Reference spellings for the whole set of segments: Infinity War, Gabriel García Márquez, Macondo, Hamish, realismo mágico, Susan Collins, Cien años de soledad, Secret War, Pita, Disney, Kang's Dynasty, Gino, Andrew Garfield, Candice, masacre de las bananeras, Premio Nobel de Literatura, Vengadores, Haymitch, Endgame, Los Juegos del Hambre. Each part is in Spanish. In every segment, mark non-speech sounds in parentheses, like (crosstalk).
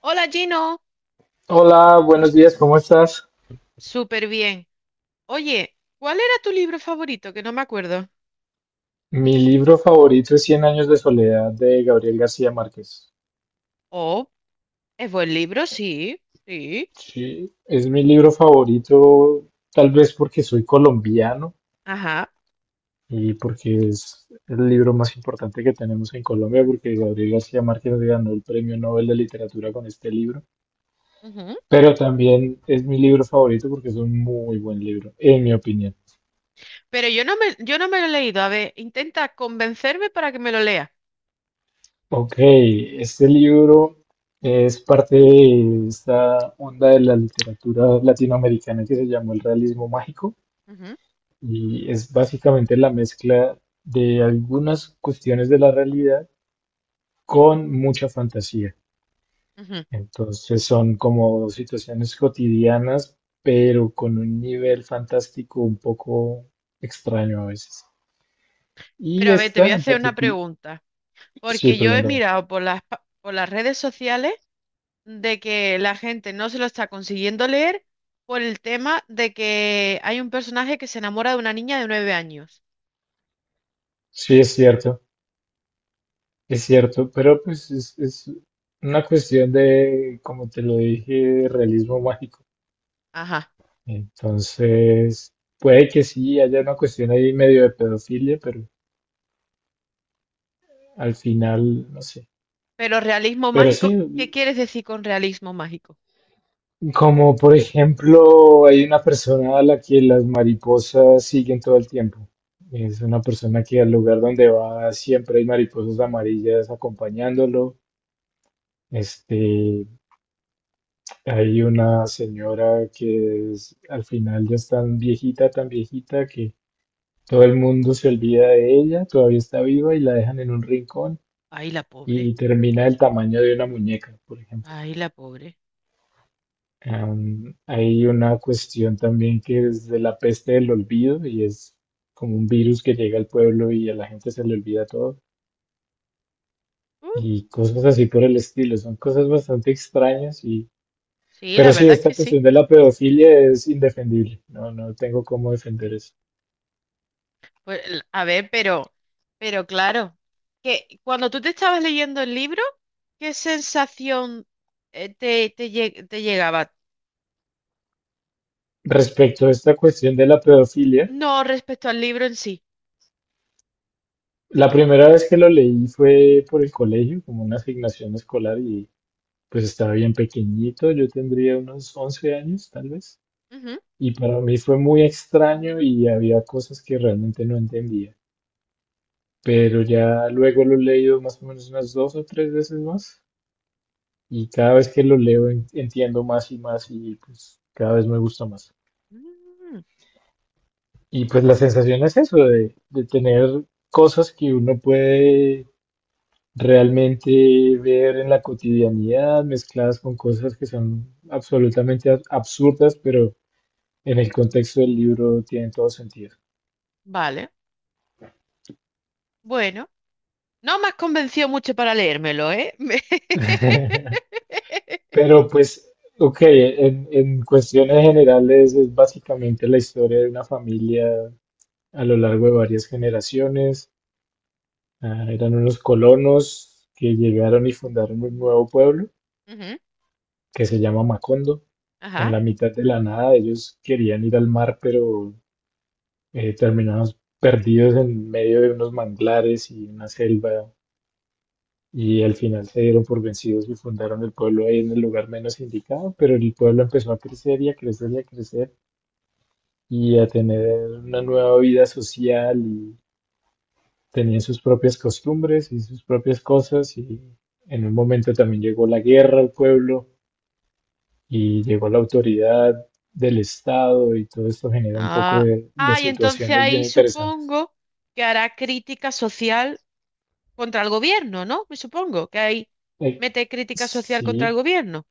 Hola, Gino, Hola, buenos días, ¿cómo estás? súper bien. Oye, ¿cuál era tu libro favorito? Que no me acuerdo. Mi libro favorito es Cien años de soledad de Gabriel García Márquez. Oh, es buen libro, sí, sí, Sí, es mi libro favorito, tal vez porque soy colombiano ajá. y porque es el libro más importante que tenemos en Colombia, porque Gabriel García Márquez ganó el Premio Nobel de Literatura con este libro. Ujú. Pero también es mi libro favorito porque es un muy buen libro, en mi opinión. Pero yo no me lo he leído. A ver, intenta convencerme para que me lo lea. Ok, este libro es parte de esta onda de la literatura latinoamericana que se llamó el realismo mágico Ujú, y es básicamente la mezcla de algunas cuestiones de la realidad con mucha fantasía. ujú. Entonces son como situaciones cotidianas, pero con un nivel fantástico un poco extraño a veces. Pero Y a ver, te voy esta a en hacer una particular, pregunta, sí, porque yo he pregúntame. mirado por por las redes sociales de que la gente no se lo está consiguiendo leer por el tema de que hay un personaje que se enamora de una niña de 9 años. Sí, es cierto. Es cierto, pero pues es una cuestión de, como te lo dije, de realismo mágico. Ajá. Entonces, puede que sí haya una cuestión ahí medio de pedofilia, pero al final, no sé. Pero realismo Pero sí, mágico, ¿qué quieres decir con realismo mágico? como por ejemplo, hay una persona a la que las mariposas siguen todo el tiempo. Es una persona que al lugar donde va siempre hay mariposas amarillas acompañándolo. Este, Hay una señora que al final ya es tan viejita que todo el mundo se olvida de ella, todavía está viva y la dejan en un rincón Ay, la pobre. y termina del tamaño de una muñeca, por ejemplo. Ay, la pobre. Hay una cuestión también que es de la peste del olvido y es como un virus que llega al pueblo y a la gente se le olvida todo Uh, y cosas así por el estilo. Son cosas bastante extrañas. sí, la Pero sí, verdad es esta que sí. cuestión de la pedofilia es indefendible. No, no tengo cómo Mm. defender eso. A ver, pero claro, que cuando tú te estabas leyendo el libro, ¿qué sensación te llegaba? Respecto a esta cuestión de la pedofilia, No respecto al libro en sí. la primera vez que lo leí fue por el colegio, como una asignación escolar, y pues estaba bien pequeñito, yo tendría unos 11 años tal vez, Ujú. y para mí fue muy extraño y había cosas que realmente no entendía, pero ya luego lo he leído más o menos unas dos o tres veces más, y cada vez que lo leo entiendo más y más y pues cada vez me gusta más. Mm, Y pues la sensación es eso, de tener cosas que uno puede realmente ver en la cotidianidad mezcladas con cosas que son absolutamente absurdas, pero en el contexto del libro tienen todo sentido. vale, bueno. No me has convencido mucho para leérmelo, ¿eh? (laughs) Me- (laughs) Pero pues, ok, en cuestiones generales es básicamente la historia de una familia a lo largo de varias generaciones. Ah, eran unos colonos que llegaron y fundaron un nuevo pueblo Ujú. que se llama Macondo. En Ajá. la mitad de la nada ellos querían ir al mar, pero terminamos perdidos en medio de unos manglares y una selva y al final se dieron por vencidos y fundaron el pueblo ahí en el lugar menos indicado, pero el pueblo empezó a crecer y a crecer y a crecer y a tener una nueva vida social y tenían sus propias costumbres y sus propias cosas y en un momento también llegó la guerra al pueblo y llegó la autoridad del Estado y todo esto genera un poco Ah, de ah, y entonces situaciones ahí bien interesantes. supongo que hará crítica social contra el gobierno, ¿no? Me supongo que ahí Eh, mete crítica social contra el Sí, gobierno.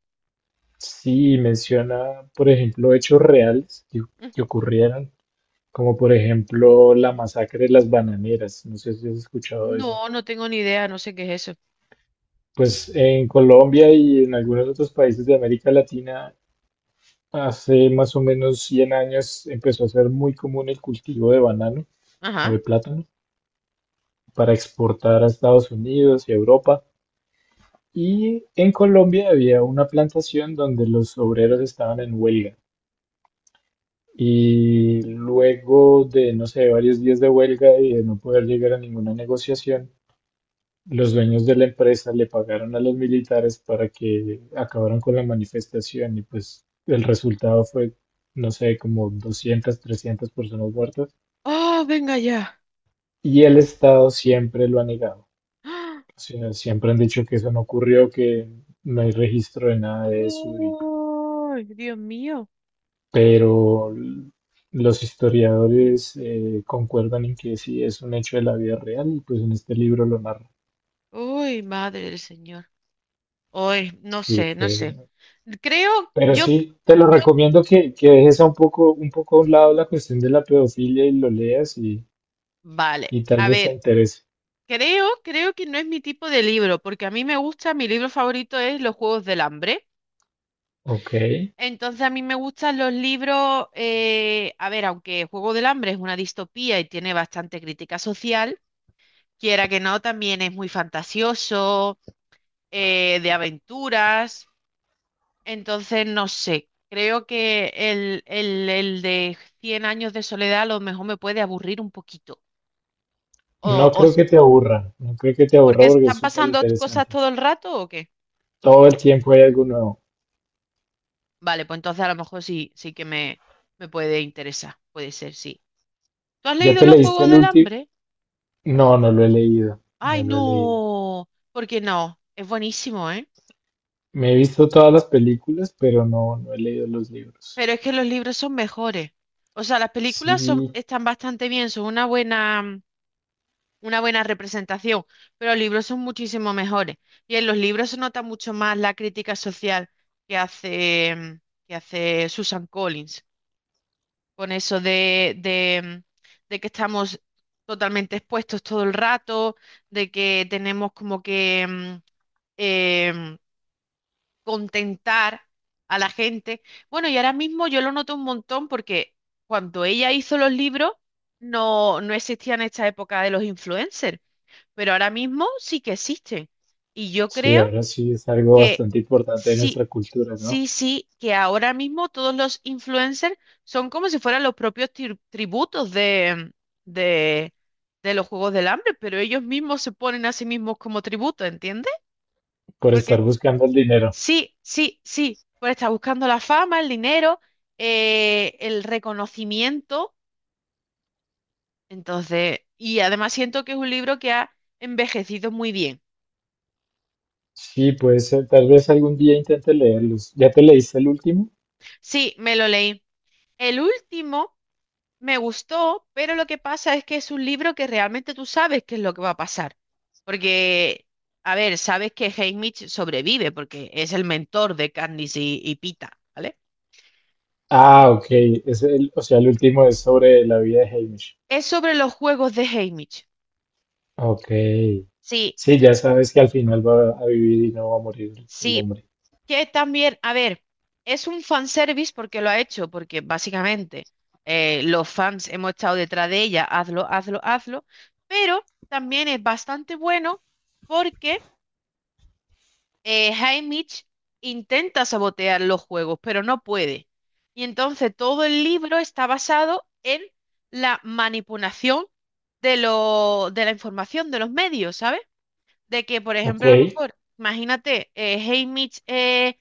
Sí, menciona, por ejemplo, hechos reales Ujú. que ocurrieron, como por ejemplo la masacre de las bananeras. No sé si has escuchado eso. No, no tengo ni idea, no sé qué es eso. Pues en Colombia y en algunos otros países de América Latina, hace más o menos 100 años empezó a ser muy común el cultivo de banano o de Ajá. plátano para exportar a Estados Unidos y Europa. Y en Colombia había una plantación donde los obreros estaban en huelga. Y luego de, no sé, varios días de huelga y de no poder llegar a ninguna negociación, los dueños de la empresa le pagaron a los militares para que acabaran con la manifestación y pues el resultado fue, no sé, como 200, 300 personas muertas. ¡Oh, venga ya! Y el Estado siempre lo ha negado. ¡Ah! O sea, siempre han dicho que eso no ocurrió, que no hay registro de nada de eso y ¡Ay, Dios mío! pero los historiadores concuerdan en que sí es un hecho de la vida real y pues en este libro lo narra. ¡Uy, madre del Señor! ¡Uy, no Sí, sé, no fue. sé! Creo, Pero yo, sí, te lo yo, recomiendo que dejes a un poco a un lado la cuestión de la pedofilia y lo leas vale. y tal A vez te ver, interese. creo que no es mi tipo de libro, porque a mí me gusta, mi libro favorito es Los Juegos del Hambre. Ok. Entonces a mí me gustan los libros, a ver, aunque Juego del Hambre es una distopía y tiene bastante crítica social, quiera que no, también es muy fantasioso, de aventuras. Entonces, no sé, creo que el de Cien Años de Soledad a lo mejor me puede aburrir un poquito. O, No o, creo s- que te aburra, no creo que te aburra Porque porque es están súper pasando cosas interesante. todo el rato, ¿o qué? Todo el tiempo hay algo nuevo. Vale, pues entonces a lo mejor sí que me puede interesar. Puede ser, sí. ¿Tú has ¿Ya leído te Los leíste Juegos el del último? Hambre? No, no lo he leído, no ¡Ay, lo he leído. no! ¿Por qué no? Es buenísimo, ¿eh? Me he visto todas las películas, pero no, no he leído los libros. Pero es que los libros son mejores. O sea, Sí, están bastante bien, son una buena, una buena representación, pero los libros son muchísimo mejores. Y en los libros se nota mucho más la crítica social que hace, que hace Susan Collins con eso de que estamos totalmente expuestos todo el rato, de que tenemos como que em, contentar a la gente. Bueno, y ahora mismo yo lo noto un montón porque cuando ella hizo los libros no, no existían esta época de los influencers, pero ahora mismo sí que existen. Y yo sí, creo ahora sí es algo que bastante importante de sí, nuestra cultura, ¿no? sí, sí, que ahora mismo todos los influencers son como si fueran los propios tributos de, de los Juegos del Hambre, pero ellos mismos se ponen a sí mismos como tributo, ¿entiendes? Por estar Porque buscando el dinero. sí, sí, sí, pues está buscando la fama, el dinero, el reconocimiento, entonces, y además siento que es un libro que ha envejecido muy bien. Sí, puede ser, tal vez algún día intente leerlos. ¿Ya te leíste el último? Sí, me lo leí. El último. Me gustó, pero lo que pasa es que es un libro que realmente tú sabes qué es lo que va a pasar. Porque, a ver, sabes que Haymitch sobrevive porque es el mentor de Candice y Pita, ¿vale? Ah, ok, es el, o sea, el último es sobre la vida de Hamish. Es sobre los juegos de Haymitch. Ok. Sí, Sí, ya sabes que al final va a vivir y no va a morir el sí, hombre. que también, a ver, es un fanservice porque lo ha hecho, porque básicamente los fans hemos estado detrás de ella, hazlo, hazlo, hazlo, pero también es bastante bueno porque Haymitch intenta sabotear los juegos, pero no puede. Y entonces todo el libro está basado en la manipulación de la información de los medios, ¿sabes? De que, por Ok, ejemplo, a lo mejor, imagínate, Haymitch eh,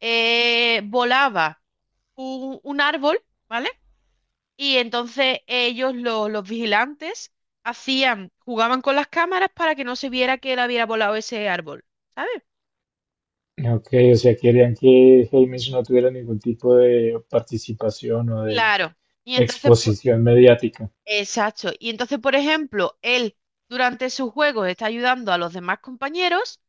eh, volaba un árbol, ¿vale? Y entonces ellos, los vigilantes, jugaban con las cámaras para que no se viera que él había volado ese árbol, ¿sabes? ok, o sea, querían que Hamish no tuviera ningún tipo de participación o de Claro. Y entonces, pu- exposición mediática. Exacto. Y entonces, por ejemplo, él durante sus juegos está ayudando a los demás compañeros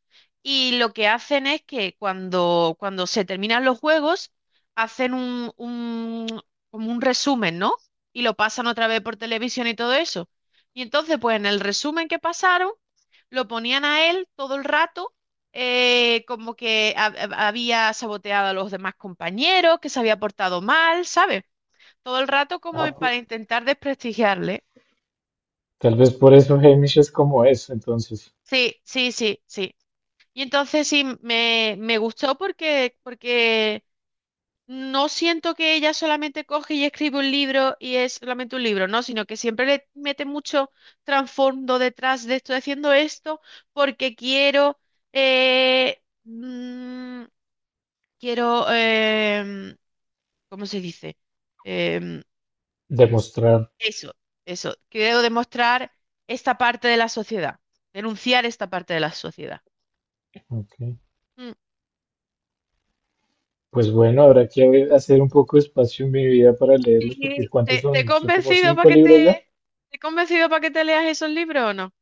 y lo que hacen es que cuando se terminan los juegos, hacen como un resumen, ¿no? Y lo pasan otra vez por televisión y todo eso. Y entonces, pues en el resumen que pasaron, lo ponían a él todo el rato, como que ha- ha- había saboteado a los demás compañeros, que se había portado mal, ¿sabes? Todo el rato como Ah, para pu- intentar desprestigiarle. Tal vez por eso Hamish es como es, entonces, Sí, sí, sí, sí. Y entonces sí, me gustó porque, porque no siento que ella solamente coge y escribe un libro y es solamente un libro, no, sino que siempre le mete mucho trasfondo detrás de estoy haciendo esto porque quiero, eh, mm, quiero, ¿cómo se dice? Em, demostrar. Eso, eso, quiero demostrar esta parte de la sociedad, denunciar esta parte de la sociedad. Ok. Pues bueno, habrá que hacer un poco de espacio en mi vida para leerlos, porque Sí, ¿cuántos ¿te te he son? Son como convencido para cinco libros ya. Que te leas esos libros o no?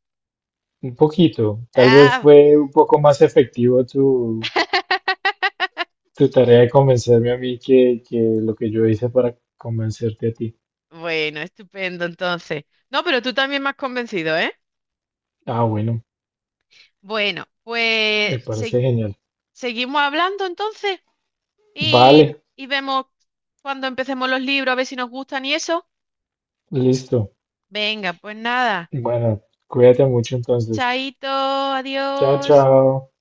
Un poquito. Tal vez Ah, fue un poco más efectivo tu tarea de convencerme a mí que lo que yo hice para convencerte a ti. bueno, estupendo entonces. No, pero tú también me has convencido, ¿eh? Ah, bueno, Bueno, me parece genial. seguimos hablando entonces Vale, y vemos cuando empecemos los libros, a ver si nos gustan y eso. listo. Venga, pues nada. Bueno, cuídate mucho entonces. Chaito, Chao, adiós. chao.